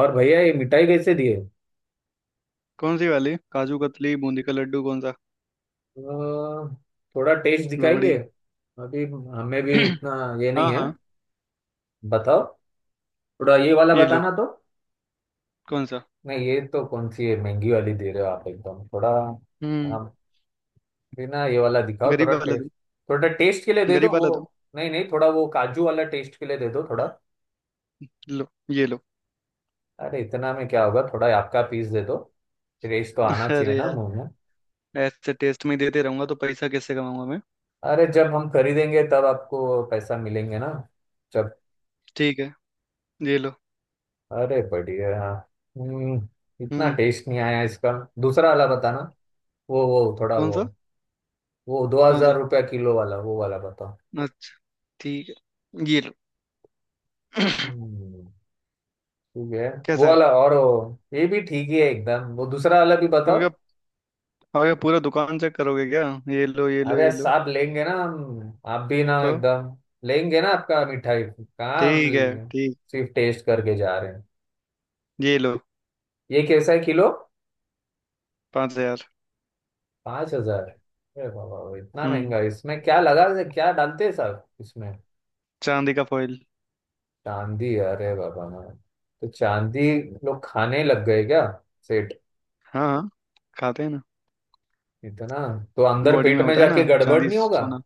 और भैया, ये मिठाई कैसे दिए? कौन सी वाली? काजू कतली, बूंदी का लड्डू, कौन सा? अ, थोड़ा टेस्ट दिखाएंगे। रबड़ी। अभी हमें भी इतना ये हाँ, नहीं है। हाँ, बताओ। थोड़ा ये वाला ये लो। बताना तो। कौन सा? नहीं, ये तो कौन सी है? महंगी वाली दे रहे हो आप एकदम, थोड़ा। हम्म। हम बिना ये वाला दिखाओ गरीब थोड़ा वाला टेस्ट। दो। थोड़ा टेस्ट के लिए दे दो गरीब वो। वाला दो। नहीं नहीं, थोड़ा वो काजू वाला टेस्ट के लिए दे दो थोड़ा। लो, ये लो। अरे, इतना में क्या होगा, थोड़ा आपका पीस दे दो। टेस्ट तो आना चाहिए अरे ना यार, मुंह में। ऐसे टेस्ट में देते रहूंगा तो पैसा कैसे कमाऊंगा मैं? अरे, जब हम खरीदेंगे तब आपको पैसा मिलेंगे ना। जब। ठीक है, ये लो। अरे बढ़िया। हम्म। इतना हम्म। टेस्ट नहीं आया इसका। दूसरा वाला बताना। वो थोड़ा कौन वो। सा? वो दो कौन हजार सा? रुपया किलो वाला, वो वाला बताओ। अच्छा, ठीक है, ये लो। हम्म। ठीक है। वो कैसा वाला है? और ये भी ठीक ही है एकदम। वो दूसरा वाला भी अब बताओ। क्या? अब क्या पूरा दुकान चेक करोगे क्या? ये लो, ये लो, अरे ये लो। साहब, लेंगे ना हम, आप भी ना तो एकदम। लेंगे ना, आपका मिठाई कहाँ? ठीक है, ठीक। सिर्फ टेस्ट करके जा रहे हैं। ये लो। ये कैसा है किलो? 5000। 5,000? अरे बाबा, इतना हम्म। महंगा? इसमें क्या लगा, क्या डालते हैं साहब इसमें? चांदी का फॉइल। चांदी? अरे बाबा ना। तो चांदी लोग खाने लग गए क्या सेठ? हाँ, हाँ, खाते हैं ना। इतना? तो अंदर बॉडी पेट में में होता है ना जाके गड़बड़ चांदी, नहीं होगा? सोना।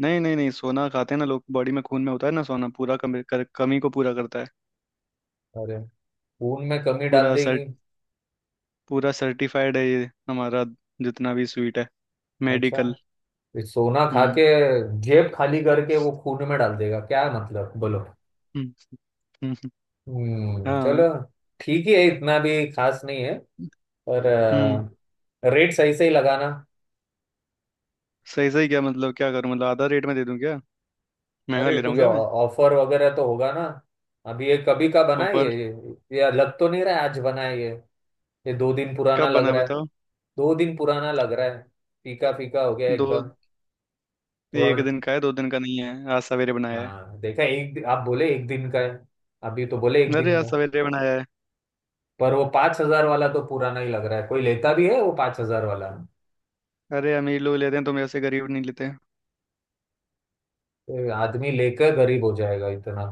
नहीं, नहीं, नहीं, सोना खाते हैं ना लोग, बॉडी में खून में होता है ना सोना, पूरा कमी कमी को पूरा करता है। अरे, खून में कमी डाल पूरा सर देगी। पूरा सर्टिफाइड है ये हमारा, जितना भी स्वीट है, अच्छा, मेडिकल। ये सोना खा के हम्म। जेब खाली करके वो खून में डाल देगा क्या? मतलब बोलो। हम्म, हम्म, हम्म, हम्म, चलो। हाँ। ठीक ही है, इतना भी खास नहीं है। पर हम्म। रेट सही से ही लगाना। सही सही क्या मतलब, क्या करूं, मतलब आधा रेट में दे दूं क्या? महंगा अरे, ले रहा कुछ हूँ क्या मैं? ऑफर वगैरह तो होगा ना। अभी ये कभी का बना है ऑफर? ये? ये लग तो नहीं रहा है आज बना है ये। ये 2 दिन पुराना कब लग बना है रहा है। बताओ? 2 दिन पुराना लग रहा है। फीका फीका हो गया दो? एकदम एक थोड़ा। दिन का है, 2 दिन का नहीं है, आज सवेरे बनाया है। हाँ देखा, आप बोले एक दिन का है। अभी तो बोले एक अरे दिन का आज है। सवेरे बनाया है। पर वो 5,000 वाला तो पुराना ही लग रहा है। कोई लेता भी है वो 5,000 वाला? अरे अमीर लोग लेते हैं, तुम ऐसे गरीब नहीं लेते। ये आदमी लेकर गरीब हो जाएगा इतना।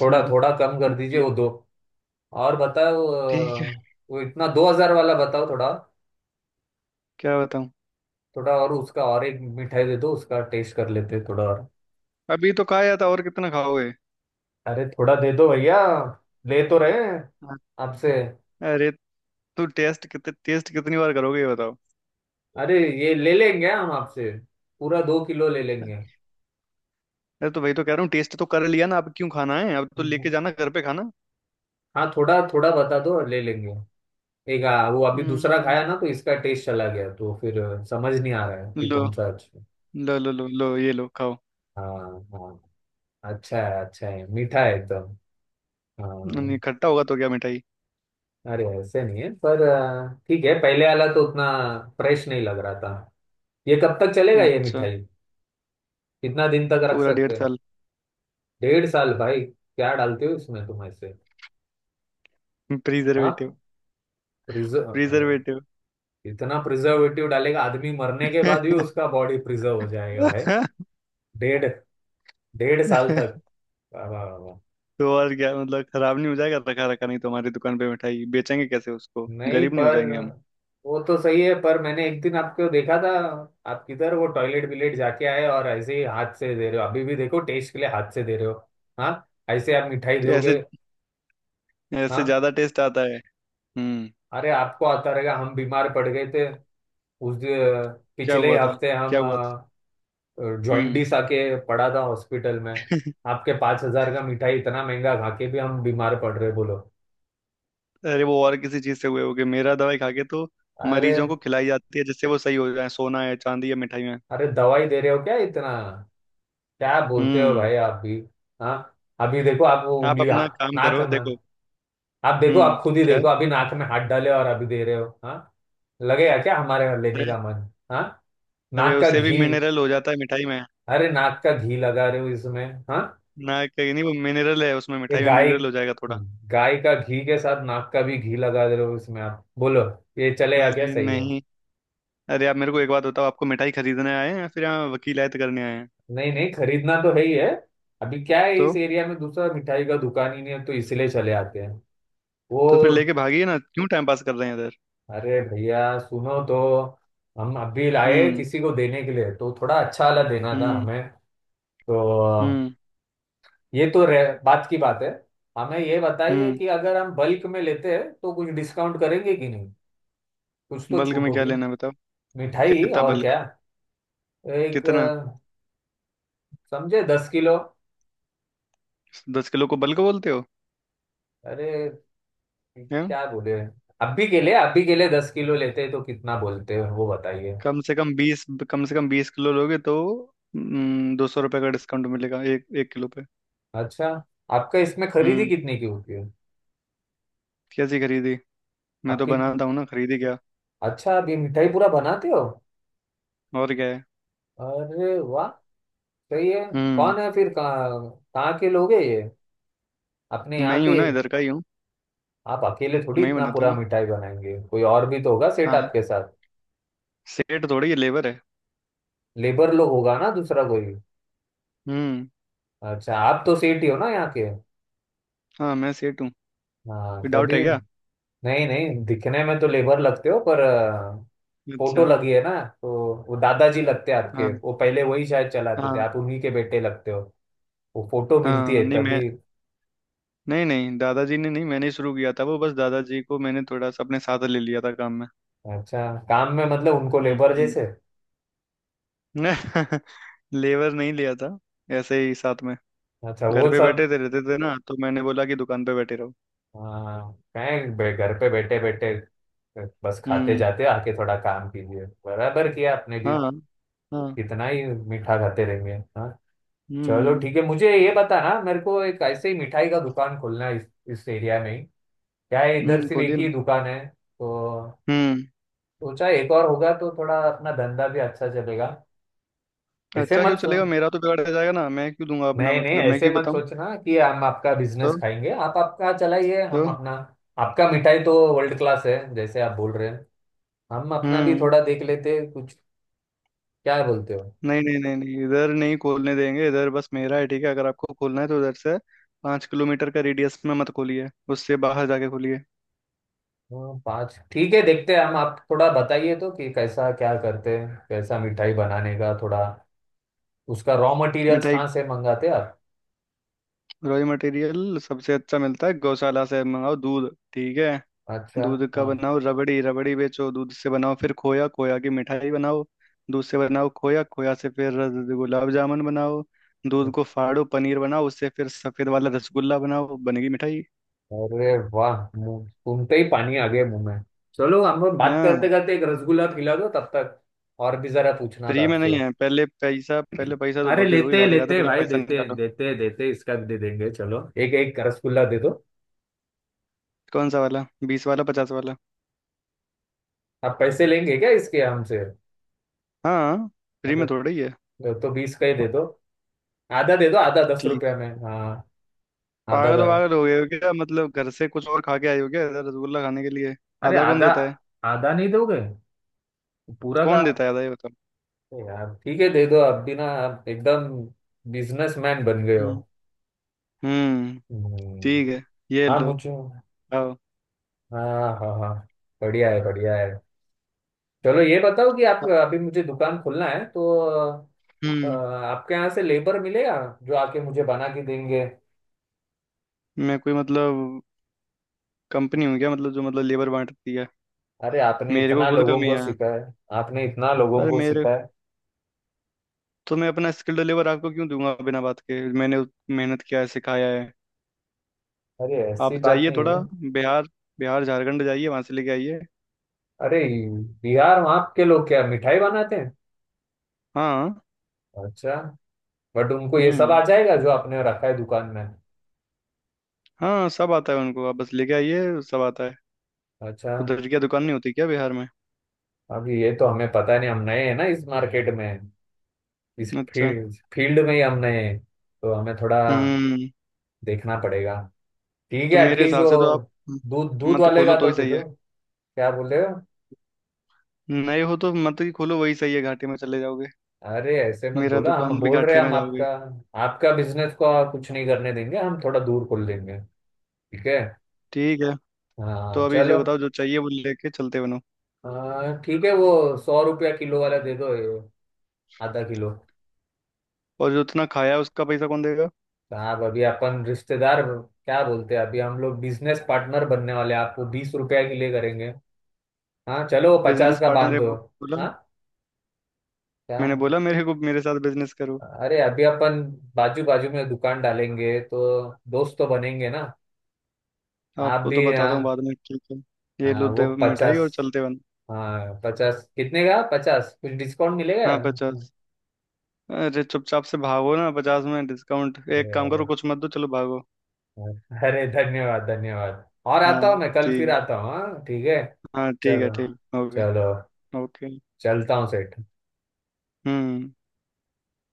थोड़ा थोड़ा कम कर दीजिए बताइए। वो दो। और बताओ। ठीक है। वो इतना 2,000 वाला बताओ थोड़ा। क्या बताऊं? थोड़ा और उसका, और एक मिठाई दे दो, उसका टेस्ट कर लेते हैं थोड़ा और। अभी तो खाया था, और कितना खाओगे? अरे, थोड़ा दे दो भैया। ले तो रहे हैं आपसे। अरे तो टेस्ट, कितने टेस्ट कितनी बार करोगे, ये बताओ? अरे, ये ले लेंगे हम आपसे। पूरा 2 किलो ले लेंगे। अरे तो वही तो कह रहा हूँ, टेस्ट तो कर लिया ना, अब क्यों खाना है, अब तो हम्म। लेके जाना घर पे खाना। हाँ, थोड़ा थोड़ा बता दो, ले लेंगे। एक वो अभी दूसरा हम्म। खाया ना तो इसका टेस्ट चला गया, तो फिर समझ नहीं आ रहा है कि लो, कौन सा अच्छा। लो, लो, लो, लो, ये लो, खाओ। हाँ हाँ। अच्छा है, अच्छा है, मीठा है एकदम। नहीं हाँ। खट्टा होगा तो क्या मिठाई? अरे ऐसे नहीं है, पर ठीक है, पहले वाला तो उतना फ्रेश नहीं लग रहा था। ये कब तक चलेगा ये अच्छा। मिठाई? कितना दिन तक रख पूरा डेढ़ सकते हैं? साल 1.5 साल? भाई, क्या डालते हो इसमें तुम ऐसे? प्रिजर्वेटिव। हाँ, प्रिजर्व। प्रिजर्वेटिव। इतना प्रिजर्वेटिव डालेगा, आदमी मरने के बाद भी उसका बॉडी प्रिजर्व हो जाएगा भाई। डेढ़ डेढ़ साल तक। वाह, वाह, वाह, वाह। तो और क्या मतलब, खराब नहीं हो जाएगा रखा रखा, नहीं तो हमारी दुकान पे मिठाई बेचेंगे कैसे उसको, नहीं गरीब नहीं हो पर, जाएंगे हम? वो तो सही है, पर मैंने एक दिन आपको देखा था। आप किधर वो टॉयलेट विलेट जाके आए और ऐसे ही हाथ से दे रहे हो, अभी भी देखो टेस्ट के लिए हाथ से दे रहे हो। हाँ, ऐसे आप मिठाई तो ऐसे दोगे? ऐसे हाँ। ज्यादा टेस्ट आता है। हम्म। अरे आपको आता रहेगा, हम बीमार पड़ गए थे। उस दि- क्या पिछले हुआ था? हफ्ते क्या हम हुआ था? हम्म। जॉइंडिस आके पड़ा था हॉस्पिटल में। आपके 5,000 का मिठाई इतना महंगा खा के भी हम बीमार पड़ रहे, बोलो। अरे वो और किसी चीज से हुए होगे, मेरा दवाई खा के तो अरे मरीजों को खिलाई जाती है जिससे वो सही हो जाए, सोना है, चांदी है, मिठाई है। अरे, दवाई दे रहे हो क्या इतना? क्या बोलते हो हम्म। भाई आप भी। हाँ, अभी देखो आप वो आप उंगली, अपना हाँ, काम नाक करो में। देखो। आप देखो, हम्म। आप खुद ही क्या? देखो, अभी नाक में हाथ डाले और अभी दे रहे हो, हाँ। लगेगा क्या हमारे यहाँ लेने अरे। का मन, हाँ? अरे नाक का उससे भी घी। मिनरल हो जाता है मिठाई में। अरे, नाक का घी लगा रहे हो इसमें, हाँ? ना, कहीं नहीं, वो मिनरल है उसमें, ये मिठाई में गाय, मिनरल हो जाएगा थोड़ा। गाय का घी के साथ नाक का भी घी लगा दे रहे हो इसमें, आप बोलो ये चलेगा क्या? अरे सही है? नहीं। अरे आप मेरे को एक बात बताओ, आपको मिठाई खरीदने आए हैं या फिर यहाँ वकीलायत करने आए हैं? नहीं नहीं, खरीदना तो है ही है। अभी क्या है, तो इस एरिया में दूसरा मिठाई का दुकान ही नहीं है, तो इसलिए चले आते हैं वो। तो फिर लेके भागिए ना, क्यों टाइम पास कर रहे हैं इधर? अरे भैया सुनो तो, हम अभी लाए हम्म। किसी को देने के लिए, तो थोड़ा अच्छा वाला देना था हम्म। हमें। तो हम्म। ये तो बात की बात है। हमें ये बताइए हम्म। कि अगर हम बल्क में लेते हैं तो कुछ डिस्काउंट करेंगे कि नहीं? कुछ तो बल्क छूट में क्या होगी। लेना है बताओ? मिठाई, कितना और बल्क? क्या। एक कितना? समझे, 10 किलो। 10 किलो को बल्क बोलते हो? अरे हैं? क्या बोले? अब भी के लिए 10 किलो लेते तो कितना बोलते हो, वो बताइए। कम से कम 20, कम से कम 20 किलो लोगे तो, 200 रुपये का डिस्काउंट मिलेगा एक एक किलो पे। अच्छा, आपका इसमें खरीदी हम्म। कितने की होती है? कैसी खरीदी? मैं तो आपकी। बनाता हूँ ना, खरीदी क्या? अच्छा, आप ये मिठाई पूरा बनाते हो? और क्या है? अरे वाह, सही है। हम्म। कौन है फिर, कहाँ? कहाँ के लोग हैं ये? अपने मैं यहाँ ही के? हूँ ना, इधर का ही हूँ। आप अकेले थोड़ी मैं ही इतना बनाता पूरा हूँ। मिठाई बनाएंगे, कोई और भी तो होगा सेठ हाँ, आपके साथ। सेठ थोड़ी, ये लेबर है। लेबर लोग होगा ना दूसरा कोई। हम्म। अच्छा, आप तो सेठ ही हो ना यहाँ के? हाँ, मैं सेठ हूँ। हाँ कोई डाउट तभी, है क्या? नहीं नहीं, दिखने में तो लेबर लगते हो, पर फोटो अच्छा। लगी है ना, तो वो दादाजी लगते हैं हाँ, आपके, वो पहले वही शायद चलाते थे, हाँ, आप उन्हीं के बेटे लगते हो। वो फोटो मिलती हाँ, है नहीं, मैं, तभी। नहीं, नहीं, दादाजी ने नहीं, मैंने ही शुरू किया था, वो बस दादाजी को मैंने थोड़ा सा अपने साथ ले लिया था काम में। अच्छा, काम में मतलब उनको हम्म। लेबर हम्म। जैसे? लेबर नहीं लिया था, ऐसे ही साथ में। अच्छा, घर वो पे बैठे सब। थे, रहते थे ना, तो मैंने बोला कि दुकान पे बैठे रहो। हाँ कहें, घर पे बैठे बैठे बस खाते हम्म। जाते, आके थोड़ा काम कीजिए, बराबर किया आपने भी। हाँ। हाँ। कितना ही मीठा खाते रहेंगे, हाँ। चलो, हम्म। ठीक है, मुझे ये बताना, मेरे को एक ऐसे ही मिठाई का दुकान खोलना है इस एरिया में ही। क्या है, इधर हम्म, सिर्फ खोलिए एक ही ना। दुकान है, तो हम्म। सोचा एक और होगा तो थोड़ा अपना धंधा भी अच्छा चलेगा। ऐसे अच्छा, क्यों मत सो चलेगा, मेरा तो बिगाड़ जाएगा ना, मैं क्यों दूंगा अपना, नहीं नहीं, मतलब मैं ऐसे क्यों मत बताऊं? सोचना कि हम आपका तो बिजनेस खाएंगे। आप आपका चलाइए, हम तो अपना। आपका मिठाई तो वर्ल्ड क्लास है जैसे आप बोल रहे हैं। हम अपना भी हम्म। थोड़ा देख लेते हैं, कुछ। क्या बोलते हो? नहीं, नहीं, नहीं, नहीं, इधर नहीं खोलने देंगे, इधर बस मेरा है, ठीक है, अगर आपको खोलना है तो उधर से 5 किलोमीटर का रेडियस में मत खोलिए, उससे बाहर जाके खोलिए। हाँ, पाँच ठीक है, देखते हैं हम। आप थोड़ा बताइए तो कि कैसा क्या करते हैं, कैसा मिठाई बनाने का थोड़ा, उसका रॉ मटेरियल्स मिठाई? कहाँ से मंगाते हैं आप? रॉयल मटेरियल सबसे अच्छा मिलता है गौशाला से, मंगाओ दूध, ठीक है, अच्छा। दूध का हाँ। बनाओ रबड़ी, रबड़ी बेचो, दूध से बनाओ फिर खोया, खोया की मिठाई बनाओ, दूध से बनाओ खोया, खोया से फिर गुलाब जामुन बनाओ, दूध को फाड़ो पनीर बनाओ, उससे फिर सफेद वाला रसगुल्ला बनाओ, बनेगी मिठाई। अरे वाह, मुंह सुनते ही पानी आ गया मुंह में। चलो, हम लोग बात करते हाँ, करते एक रसगुल्ला खिला दो तब तक, और भी जरा पूछना था फ्री में आपसे। नहीं है, पहले पैसा, पहले पैसा तो अरे बहुत देर हुई लेते खाते खाते, लेते पहले भाई, पैसा देते निकालो। देते देते, इसका भी दे देंगे चलो। एक एक रसगुल्ला दे दो। कौन सा वाला? 20 वाला, 50 वाला? आप पैसे लेंगे क्या इसके हमसे? हाँ, फ्री अरे, में थोड़ा ही है। तो 20 का ही दे दो। आधा दे दो, आधा दस ठीक। रुपया में, हाँ। आधा पागल दर। वागल हो गए हो क्या, मतलब घर से कुछ और खा के आए हो क्या ऐसा रसगुल्ला खाने के लिए? अरे आधा कौन आधा। देता है? आधा नहीं दोगे? पूरा का। कौन देता है आधा, ये बताओ? अरे यार, ठीक है दे दो, अब भी ना आप एकदम बिजनेसमैन बन गए हो। हम्म। हम्म। हम्म। ठीक है, ये हाँ लो। मुझे। आओ। हाँ हाँ हाँ। बढ़िया है, बढ़िया है। चलो ये बताओ कि आप, हाँ। अभी मुझे दुकान खोलना है तो, हम्म। आपके यहाँ से लेबर मिलेगा? जो आके मुझे बना के देंगे। मैं कोई, मतलब कंपनी हूँ क्या, मतलब जो मतलब लेबर बांटती है? अरे, आपने मेरे को इतना खुद लोगों कमी को है। सिखाया। आपने इतना लोगों अरे को मेरे सिखाया। तो मैं अपना स्किल्ड लेबर आपको क्यों दूंगा बिना बात के, मैंने मेहनत किया है, सिखाया है। अरे, आप ऐसी बात जाइए नहीं है। थोड़ा बिहार, बिहार झारखंड जाइए, वहां से लेके आइए। अरे बिहार, वहाँ के लोग क्या मिठाई बनाते हैं? हाँ। अच्छा। बट उनको ये सब आ हम्म। जाएगा जो आपने रखा है दुकान में? हाँ, सब आता है उनको, आप बस लेके आइए, सब आता है। अच्छा। उधर क्या दुकान नहीं होती क्या बिहार में? अभी ये तो हमें पता नहीं, हम नए हैं ना इस मार्केट में, इस अच्छा। फील्ड फील्ड में ही हमने, तो हमें थोड़ा हम्म। देखना पड़ेगा। ठीक है, तो मेरे एटलीस्ट हिसाब वो से तो आप दूध दूध मत वाले खोलो का तो ही तो दे सही है। दो। क्या बोल रहे हो? नए हो तो मत ही खोलो, वही सही है, घाटे में चले जाओगे। अरे ऐसे मत मेरा बोला, हम दुकान भी बोल रहे घाटे हैं में हम जाओगे। आपका, आपका बिजनेस को कुछ नहीं करने देंगे, हम थोड़ा दूर खोल देंगे, ठीक है? ठीक है। तो हाँ अभी चलो। जो बताओ जो चाहिए वो लेके चलते बनो। हाँ, ठीक है, वो 100 रुपया किलो वाला दे दो ये, आधा किलो। और जो इतना खाया उसका पैसा कौन देगा? साहब, अभी अपन रिश्तेदार, क्या बोलते हैं, अभी हम लोग बिजनेस पार्टनर बनने वाले हैं, आप वो 20 रुपया के लिए करेंगे? हाँ चलो, वो 50 बिजनेस का पार्टनर बांध है दो। बोला? हाँ? क्या? मैंने बोला, मेरे को मेरे साथ बिजनेस करो। अरे अभी अपन बाजू बाजू में दुकान डालेंगे तो दोस्त तो बनेंगे ना? आप आपको तो भी बताता हूँ हाँ। बाद में, ठीक है। ये हाँ, लो, वो दे मिठाई पचास। और चलते बनो। हाँ 50, कितने का 50, कुछ डिस्काउंट मिलेगा? हाँ, 50। अरे चुपचाप से भागो ना, 50 में डिस्काउंट, एक अरे काम अरे, करो, कुछ मत दो, चलो भागो। अरे धन्यवाद धन्यवाद, और आता हाँ, हूँ, मैं कल ठीक फिर है। आता हूँ, हाँ ठीक है। हाँ, ठीक है, चलो, ठीक, ओके। चलो। ओके। चलता हूँ सेठ। हम्म।